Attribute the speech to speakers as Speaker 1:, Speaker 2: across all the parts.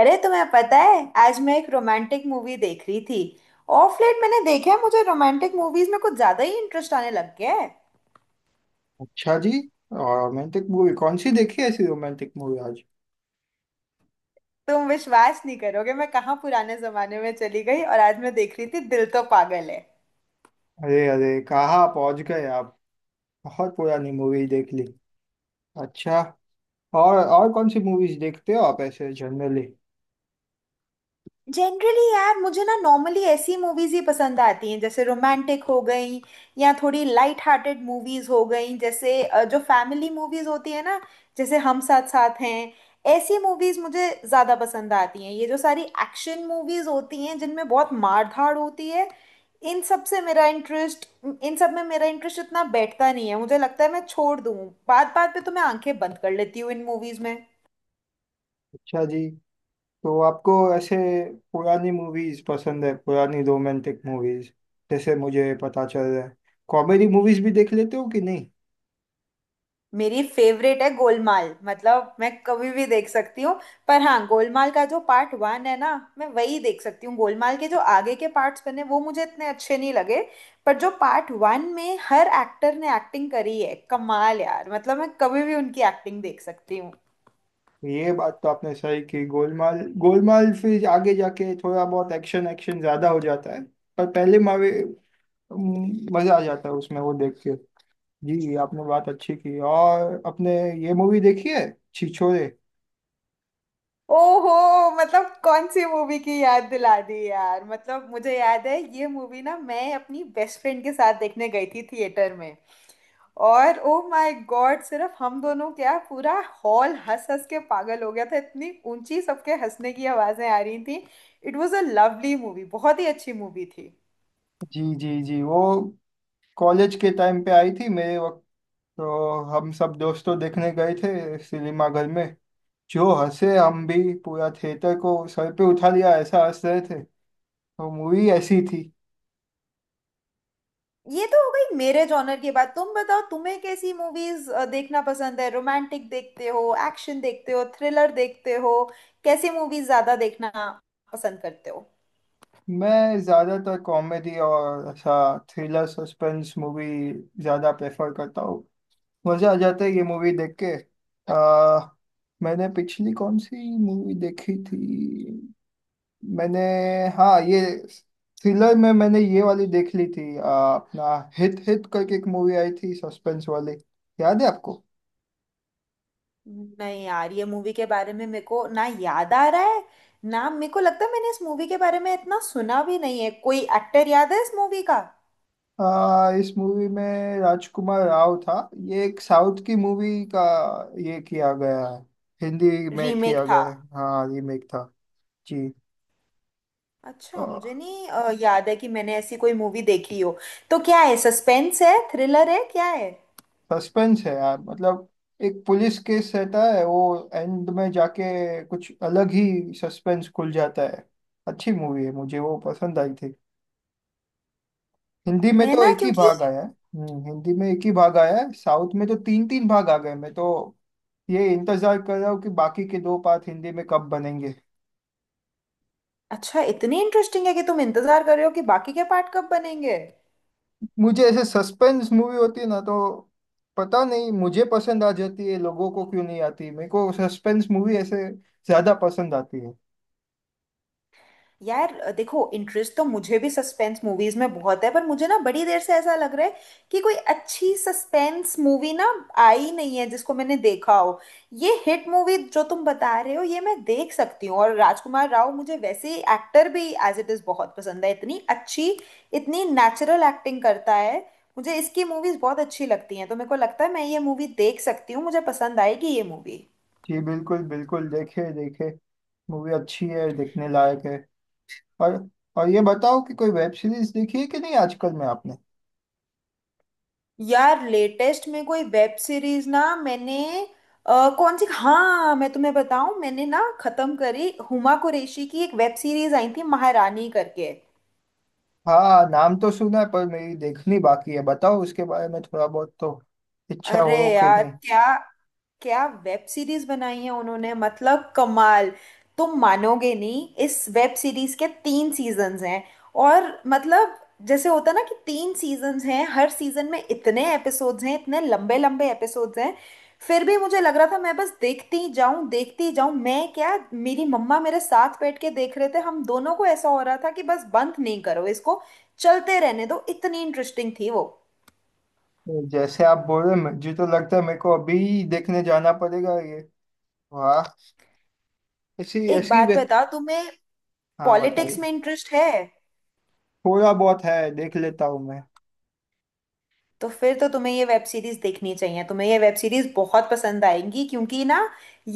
Speaker 1: अरे तुम्हें पता है, आज मैं एक रोमांटिक मूवी देख रही थी। ऑफ लेट मैंने देखा है मुझे रोमांटिक मूवीज में कुछ ज्यादा ही इंटरेस्ट आने लग गया है।
Speaker 2: अच्छा जी। रोमांटिक मूवी कौन सी देखी, ऐसी रोमांटिक मूवी आज?
Speaker 1: तुम विश्वास नहीं करोगे, मैं कहाँ पुराने जमाने में चली गई, और आज मैं देख रही थी दिल तो पागल है।
Speaker 2: अरे अरे, कहाँ पहुंच गए आप। बहुत पुरानी मूवी देख ली। अच्छा। और कौन सी मूवीज देखते हो आप ऐसे जनरली?
Speaker 1: जनरली यार मुझे ना नॉर्मली ऐसी मूवीज ही पसंद आती हैं, जैसे रोमांटिक हो गई या थोड़ी लाइट हार्टेड मूवीज हो गई, जैसे जो फैमिली मूवीज होती है ना, जैसे हम साथ साथ हैं। ऐसी मूवीज मुझे ज्यादा पसंद आती हैं। ये जो सारी एक्शन मूवीज होती हैं जिनमें बहुत मार धाड़ होती है, इन सब से मेरा इंटरेस्ट इन सब में मेरा इंटरेस्ट इतना बैठता नहीं है। मुझे लगता है मैं छोड़ दूँ। बात बात पे तो मैं आंखें बंद कर लेती हूँ इन मूवीज में।
Speaker 2: अच्छा जी। तो आपको ऐसे पुरानी मूवीज पसंद है, पुरानी रोमांटिक मूवीज, जैसे मुझे पता चल रहा है। कॉमेडी मूवीज भी देख लेते हो कि नहीं?
Speaker 1: मेरी फेवरेट है गोलमाल, मतलब मैं कभी भी देख सकती हूँ। पर हाँ, गोलमाल का जो पार्ट वन है ना, मैं वही देख सकती हूँ। गोलमाल के जो आगे के पार्ट्स बने वो मुझे इतने अच्छे नहीं लगे। पर जो पार्ट वन में हर एक्टर ने एक्टिंग करी है, कमाल यार। मतलब मैं कभी भी उनकी एक्टिंग देख सकती हूँ।
Speaker 2: ये बात तो आपने सही की, गोलमाल। गोलमाल फिर आगे जाके थोड़ा बहुत एक्शन, एक्शन ज्यादा हो जाता है। पर पहले मजा आ जाता है उसमें वो देख के। जी जी, आपने बात अच्छी की। और अपने ये मूवी देखी है, छिछोरे?
Speaker 1: ओहो, मतलब कौन सी मूवी की याद दिला दी यार। मतलब मुझे याद है ये मूवी, ना मैं अपनी बेस्ट फ्रेंड के साथ देखने गई थी थिएटर में, और ओ माय गॉड, सिर्फ हम दोनों क्या, पूरा हॉल हंस हंस के पागल हो गया था। इतनी ऊंची सबके हंसने की आवाजें आ रही थी। It was a lovely movie. बहुत ही अच्छी मूवी थी।
Speaker 2: जी जी जी, वो कॉलेज के टाइम पे आई थी मेरे वक्त। तो हम सब दोस्तों देखने गए थे सिनेमा घर में। जो हंसे, हम भी पूरा थिएटर को सर पे उठा लिया, ऐसा हंस रहे थे। तो मूवी ऐसी थी।
Speaker 1: ये तो हो गई मेरे जॉनर की बात, तुम बताओ तुम्हें कैसी मूवीज देखना पसंद है? रोमांटिक देखते हो, एक्शन देखते हो, थ्रिलर देखते हो? कैसी मूवीज ज्यादा देखना पसंद करते हो?
Speaker 2: मैं ज़्यादातर कॉमेडी और ऐसा थ्रिलर सस्पेंस मूवी ज़्यादा प्रेफर करता हूँ। मजा आ जाता है ये मूवी देख के। आ, मैंने पिछली कौन सी मूवी देखी थी? मैंने, हाँ ये, थ्रिलर में मैंने ये वाली देख ली थी। अपना हिट हिट करके एक मूवी आई थी सस्पेंस वाली, याद है आपको?
Speaker 1: नहीं यार, ये मूवी के बारे में मेरे को ना याद आ रहा है ना। मेरे को लगता है मैंने इस मूवी के बारे में इतना सुना भी नहीं है। कोई एक्टर याद है इस मूवी का?
Speaker 2: इस मूवी में राजकुमार राव था। ये एक साउथ की मूवी का ये किया गया है, हिंदी में
Speaker 1: रीमेक
Speaker 2: किया
Speaker 1: था।
Speaker 2: गया है। हाँ, रीमेक था। जी।
Speaker 1: अच्छा, मुझे नहीं याद है कि मैंने ऐसी कोई मूवी देखी हो। तो क्या है, सस्पेंस है, थ्रिलर है, क्या है?
Speaker 2: सस्पेंस है यार। मतलब एक पुलिस केस रहता है, वो एंड में जाके कुछ अलग ही सस्पेंस खुल जाता है। अच्छी मूवी है, मुझे वो पसंद आई थी। हिंदी में
Speaker 1: मैं
Speaker 2: तो
Speaker 1: ना
Speaker 2: एक ही
Speaker 1: क्योंकि,
Speaker 2: भाग आया है। हिंदी में एक ही भाग आया है, साउथ में तो तीन तीन भाग आ गए। मैं तो ये इंतजार कर रहा हूँ कि बाकी के दो पार्ट हिंदी में कब बनेंगे।
Speaker 1: अच्छा, इतनी इंटरेस्टिंग है कि तुम इंतजार कर रहे हो कि बाकी के पार्ट कब बनेंगे?
Speaker 2: मुझे ऐसे सस्पेंस मूवी होती है ना, तो पता नहीं मुझे पसंद आ जाती है, लोगों को क्यों नहीं आती। मेरे को सस्पेंस मूवी ऐसे ज्यादा पसंद आती है।
Speaker 1: यार देखो, इंटरेस्ट तो मुझे भी सस्पेंस मूवीज में बहुत है, पर मुझे ना बड़ी देर से ऐसा लग रहा है कि कोई अच्छी सस्पेंस मूवी ना आई नहीं है जिसको मैंने देखा हो। ये हिट मूवी जो तुम बता रहे हो ये मैं देख सकती हूँ, और राजकुमार राव मुझे वैसे ही एक्टर भी एज इट इज बहुत पसंद है। इतनी अच्छी, इतनी नेचुरल एक्टिंग करता है। मुझे इसकी मूवीज बहुत अच्छी लगती हैं। तो मेरे को लगता है मैं ये मूवी देख सकती हूँ, मुझे पसंद आएगी ये मूवी।
Speaker 2: जी, बिल्कुल बिल्कुल, देखे देखे। मूवी अच्छी है, देखने लायक है। और और ये बताओ कि कोई वेब सीरीज देखी है कि नहीं आजकल में आपने?
Speaker 1: यार लेटेस्ट में कोई वेब सीरीज ना मैंने कौन सी, हाँ मैं तुम्हें बताऊं, मैंने ना खत्म करी, हुमा कुरैशी की एक वेब सीरीज आई थी महारानी करके।
Speaker 2: हाँ, नाम तो सुना है पर मेरी देखनी बाकी है। बताओ उसके बारे में थोड़ा बहुत तो, इच्छा
Speaker 1: अरे
Speaker 2: हो कि
Speaker 1: यार,
Speaker 2: नहीं।
Speaker 1: क्या क्या वेब सीरीज बनाई है उन्होंने, मतलब कमाल। तुम मानोगे नहीं, इस वेब सीरीज के तीन सीजन्स हैं। और मतलब, जैसे होता ना कि तीन सीजन्स हैं, हर सीजन में इतने एपिसोड्स हैं, इतने लंबे लंबे एपिसोड्स हैं, फिर भी मुझे लग रहा था मैं बस देखती जाऊं देखती जाऊं। मैं क्या, मेरी मम्मा मेरे साथ बैठ के देख रहे थे, हम दोनों को ऐसा हो रहा था कि बस बंद नहीं करो इसको, चलते रहने दो। इतनी इंटरेस्टिंग थी वो।
Speaker 2: जैसे आप बोल रहे हैं, मुझे तो लगता है मेरे को अभी देखने जाना पड़ेगा ये। वाह। ऐसी
Speaker 1: एक
Speaker 2: ऐसी वे
Speaker 1: बात बताओ, तुम्हें
Speaker 2: हाँ
Speaker 1: पॉलिटिक्स
Speaker 2: बताइए।
Speaker 1: में इंटरेस्ट है?
Speaker 2: थोड़ा बहुत है, देख लेता हूँ मैं।
Speaker 1: तो फिर तो तुम्हें ये वेब सीरीज देखनी चाहिए। तुम्हें ये वेब सीरीज बहुत पसंद आएंगी, क्योंकि ना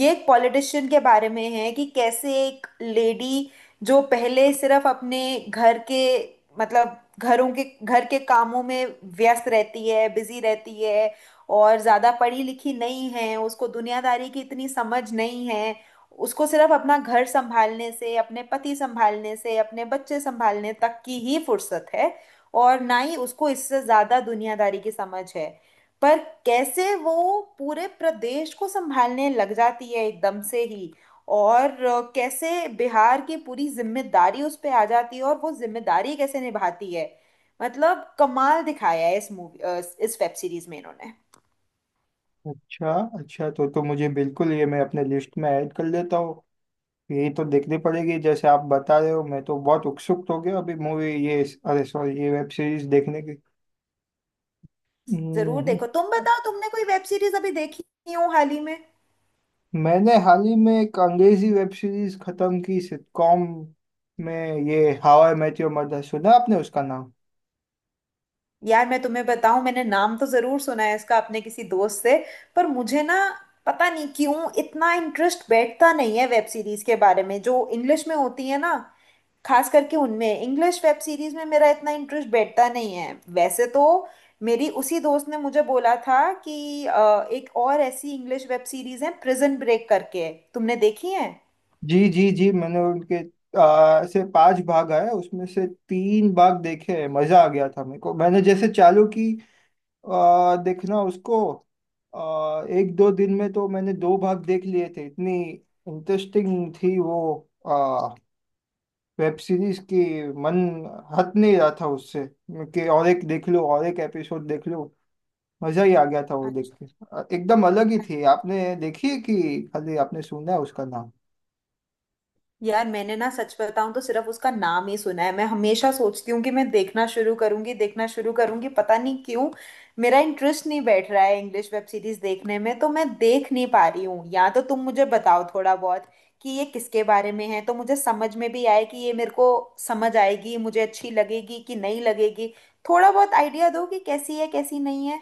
Speaker 1: ये एक पॉलिटिशियन के बारे में है कि कैसे एक लेडी, जो पहले सिर्फ अपने घर के मतलब घरों के घर के कामों में व्यस्त रहती है, बिजी रहती है, और ज्यादा पढ़ी लिखी नहीं है, उसको दुनियादारी की इतनी समझ नहीं है। उसको सिर्फ अपना घर संभालने से, अपने पति संभालने से, अपने बच्चे संभालने तक की ही फुर्सत है, और ना ही उसको इससे ज्यादा दुनियादारी की समझ है। पर कैसे वो पूरे प्रदेश को संभालने लग जाती है एकदम से ही, और कैसे बिहार की पूरी जिम्मेदारी उस पे आ जाती है, और वो जिम्मेदारी कैसे निभाती है। मतलब कमाल दिखाया है इस वेब सीरीज में इन्होंने।
Speaker 2: अच्छा अच्छा। तो मुझे बिल्कुल ये मैं अपने लिस्ट में ऐड कर लेता हूँ। यही तो देखनी पड़ेगी, जैसे आप बता रहे हो। मैं तो बहुत उत्सुक हो गया अभी मूवी, ये अरे सॉरी, ये वेब सीरीज देखने की।
Speaker 1: जरूर
Speaker 2: हम्म,
Speaker 1: देखो। तुम बताओ, तुमने कोई वेब सीरीज अभी देखी हो हाल ही में?
Speaker 2: मैंने हाल ही में एक अंग्रेजी वेब सीरीज खत्म की, सिटकॉम में। ये how I met your mother, सुना आपने उसका नाम?
Speaker 1: यार मैं तुम्हें बताऊं, मैंने नाम तो जरूर सुना है इसका अपने किसी दोस्त से, पर मुझे ना पता नहीं क्यों इतना इंटरेस्ट बैठता नहीं है वेब सीरीज के बारे में जो इंग्लिश में होती है ना। खास करके उनमें, इंग्लिश वेब सीरीज में मेरा इतना इंटरेस्ट बैठता नहीं है। वैसे तो मेरी उसी दोस्त ने मुझे बोला था कि एक और ऐसी इंग्लिश वेब सीरीज है प्रिजन ब्रेक करके, तुमने देखी है?
Speaker 2: जी जी जी। मैंने उनके से पांच भाग आए उसमें से तीन भाग देखे हैं। मजा आ गया था मेरे को, मैंने जैसे चालू की देखना उसको। एक दो दिन में तो मैंने दो भाग देख लिए थे, इतनी इंटरेस्टिंग थी वो आ, वेब सीरीज की। मन हट नहीं रहा था उससे कि और एक देख लो, और एक एपिसोड देख लो। मजा ही आ गया था वो देख के।
Speaker 1: अच्छा।
Speaker 2: एकदम अलग ही थी। आपने देखी है कि खाली आपने सुना है उसका नाम?
Speaker 1: यार मैंने ना सच बताऊं तो सिर्फ उसका नाम ही सुना है। मैं हमेशा सोचती हूँ कि मैं देखना शुरू करूंगी, देखना शुरू करूंगी, पता नहीं क्यों मेरा इंटरेस्ट नहीं बैठ रहा है इंग्लिश वेब सीरीज देखने में, तो मैं देख नहीं पा रही हूँ। या तो तुम मुझे बताओ थोड़ा बहुत कि ये किसके बारे में है, तो मुझे समझ में भी आए कि ये मेरे को समझ आएगी, मुझे अच्छी लगेगी कि नहीं लगेगी। थोड़ा बहुत आइडिया दो कि कैसी है, कैसी नहीं है।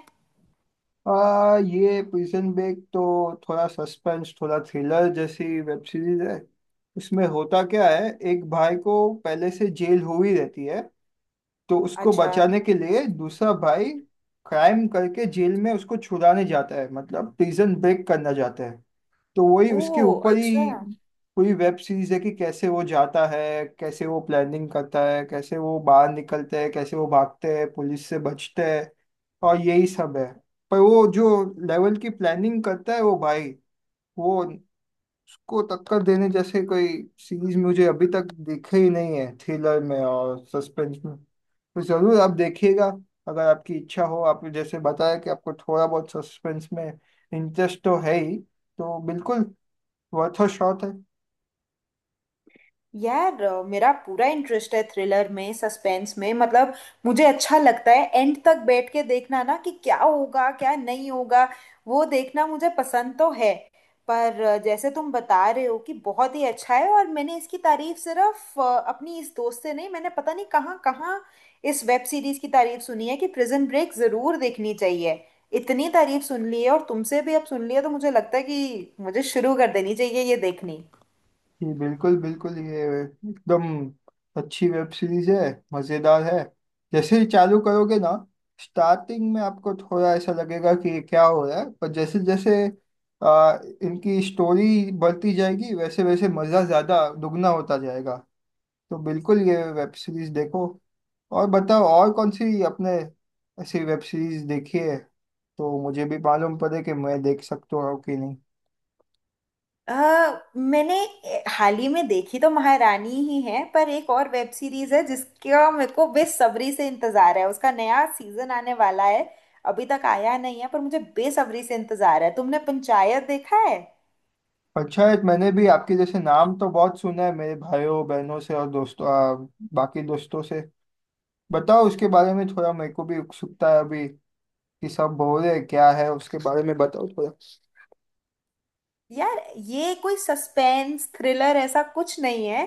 Speaker 2: ये प्रिजन ब्रेक तो थोड़ा सस्पेंस, थोड़ा थ्रिलर जैसी वेब सीरीज है। उसमें होता क्या है, एक भाई को पहले से जेल हो ही रहती है। तो उसको
Speaker 1: अच्छा।
Speaker 2: बचाने के लिए दूसरा भाई क्राइम करके जेल में उसको छुड़ाने जाता है, मतलब प्रिजन ब्रेक करना चाहता है। तो वही उसके
Speaker 1: ओह
Speaker 2: ऊपर
Speaker 1: अच्छा।
Speaker 2: ही पूरी वेब सीरीज है, कि कैसे वो जाता है, कैसे वो प्लानिंग करता है, कैसे वो बाहर निकलते हैं, कैसे वो भागते हैं पुलिस से बचते हैं, और यही सब है। पर वो जो लेवल की प्लानिंग करता है वो भाई, वो उसको टक्कर देने जैसे कोई सीरीज मुझे अभी तक दिखे ही नहीं है। थ्रिलर में और सस्पेंस में तो जरूर आप देखिएगा, अगर आपकी इच्छा हो। आप जैसे बताया कि आपको थोड़ा बहुत सस्पेंस में इंटरेस्ट तो है ही, तो बिल्कुल वर्थ अ शॉट है।
Speaker 1: यार मेरा पूरा इंटरेस्ट है थ्रिलर में, सस्पेंस में, मतलब मुझे अच्छा लगता है एंड तक बैठ के देखना ना कि क्या होगा क्या नहीं होगा। वो देखना मुझे पसंद तो है, पर जैसे तुम बता रहे हो कि बहुत ही अच्छा है, और मैंने इसकी तारीफ सिर्फ अपनी इस दोस्त से नहीं, मैंने पता नहीं कहाँ कहाँ इस वेब सीरीज की तारीफ सुनी है कि प्रिजन ब्रेक जरूर देखनी चाहिए। इतनी तारीफ सुन ली है, और तुमसे भी अब सुन लिया, तो मुझे लगता है कि मुझे शुरू कर देनी चाहिए ये देखनी।
Speaker 2: जी बिल्कुल बिल्कुल। ये एकदम अच्छी वेब सीरीज है, मज़ेदार है। जैसे ही चालू करोगे ना, स्टार्टिंग में आपको थोड़ा ऐसा लगेगा कि ये क्या हो रहा है, पर जैसे जैसे इनकी स्टोरी बढ़ती जाएगी वैसे वैसे मज़ा ज़्यादा दुगना होता जाएगा। तो बिल्कुल ये वेब सीरीज देखो। और बताओ, और कौन सी अपने ऐसी वेब सीरीज देखी है तो मुझे भी मालूम पड़े कि मैं देख सकता हूँ कि नहीं?
Speaker 1: अ, मैंने हाल ही में देखी तो महारानी ही है, पर एक और वेब सीरीज है जिसका मेरे को बेसब्री से इंतजार है। उसका नया सीजन आने वाला है, अभी तक आया नहीं है, पर मुझे बेसब्री से इंतजार है। तुमने पंचायत देखा है?
Speaker 2: अच्छा है। मैंने भी आपके जैसे नाम तो बहुत सुना है मेरे भाइयों बहनों से और दोस्तों, बाकी दोस्तों से। बताओ उसके बारे में थोड़ा, मेरे को भी उत्सुकता है अभी कि सब बोल रहे हैं, क्या है उसके बारे में बताओ थोड़ा।
Speaker 1: यार ये कोई सस्पेंस थ्रिलर ऐसा कुछ नहीं है।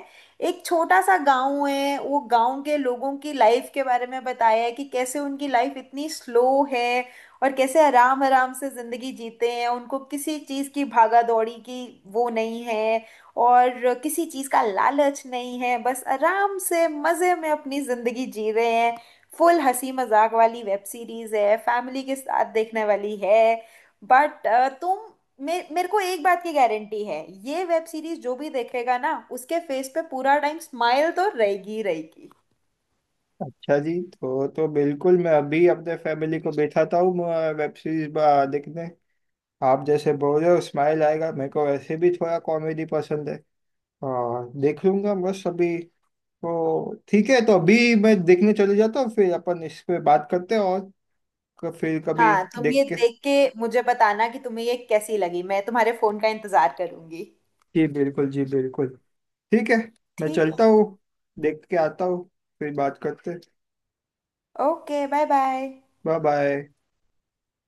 Speaker 1: एक छोटा सा गांव है, वो गांव के लोगों की लाइफ के बारे में बताया है कि कैसे उनकी लाइफ इतनी स्लो है, और कैसे आराम आराम से जिंदगी जीते हैं। उनको किसी चीज की भागा दौड़ी की वो नहीं है, और किसी चीज का लालच नहीं है, बस आराम से मजे में अपनी जिंदगी जी रहे हैं। फुल हंसी मजाक वाली वेब सीरीज है, फैमिली के साथ देखने वाली है। बट तुम मे मेरे को एक बात की गारंटी है, ये वेब सीरीज जो भी देखेगा ना, उसके फेस पे पूरा टाइम स्माइल तो रहेगी ही रहेगी।
Speaker 2: अच्छा जी। तो बिल्कुल मैं अभी अपने फैमिली को बैठाता हूँ वेब सीरीज देखने। आप जैसे बोल रहे हो स्माइल आएगा मेरे को, वैसे भी थोड़ा कॉमेडी पसंद है, और देख लूंगा बस अभी। तो ठीक है, तो अभी मैं देखने चले जाता हूँ, फिर अपन इस पे बात करते हैं। और फिर कभी
Speaker 1: हाँ, तुम
Speaker 2: देख
Speaker 1: ये
Speaker 2: के।
Speaker 1: देख के मुझे बताना कि तुम्हें ये कैसी लगी, मैं तुम्हारे फोन का इंतजार करूंगी।
Speaker 2: जी बिल्कुल, जी बिल्कुल। ठीक है। मैं
Speaker 1: ठीक
Speaker 2: चलता
Speaker 1: है।
Speaker 2: हूँ, देख के आता हूँ फिर बात करते।
Speaker 1: Okay, bye bye.
Speaker 2: Bye bye.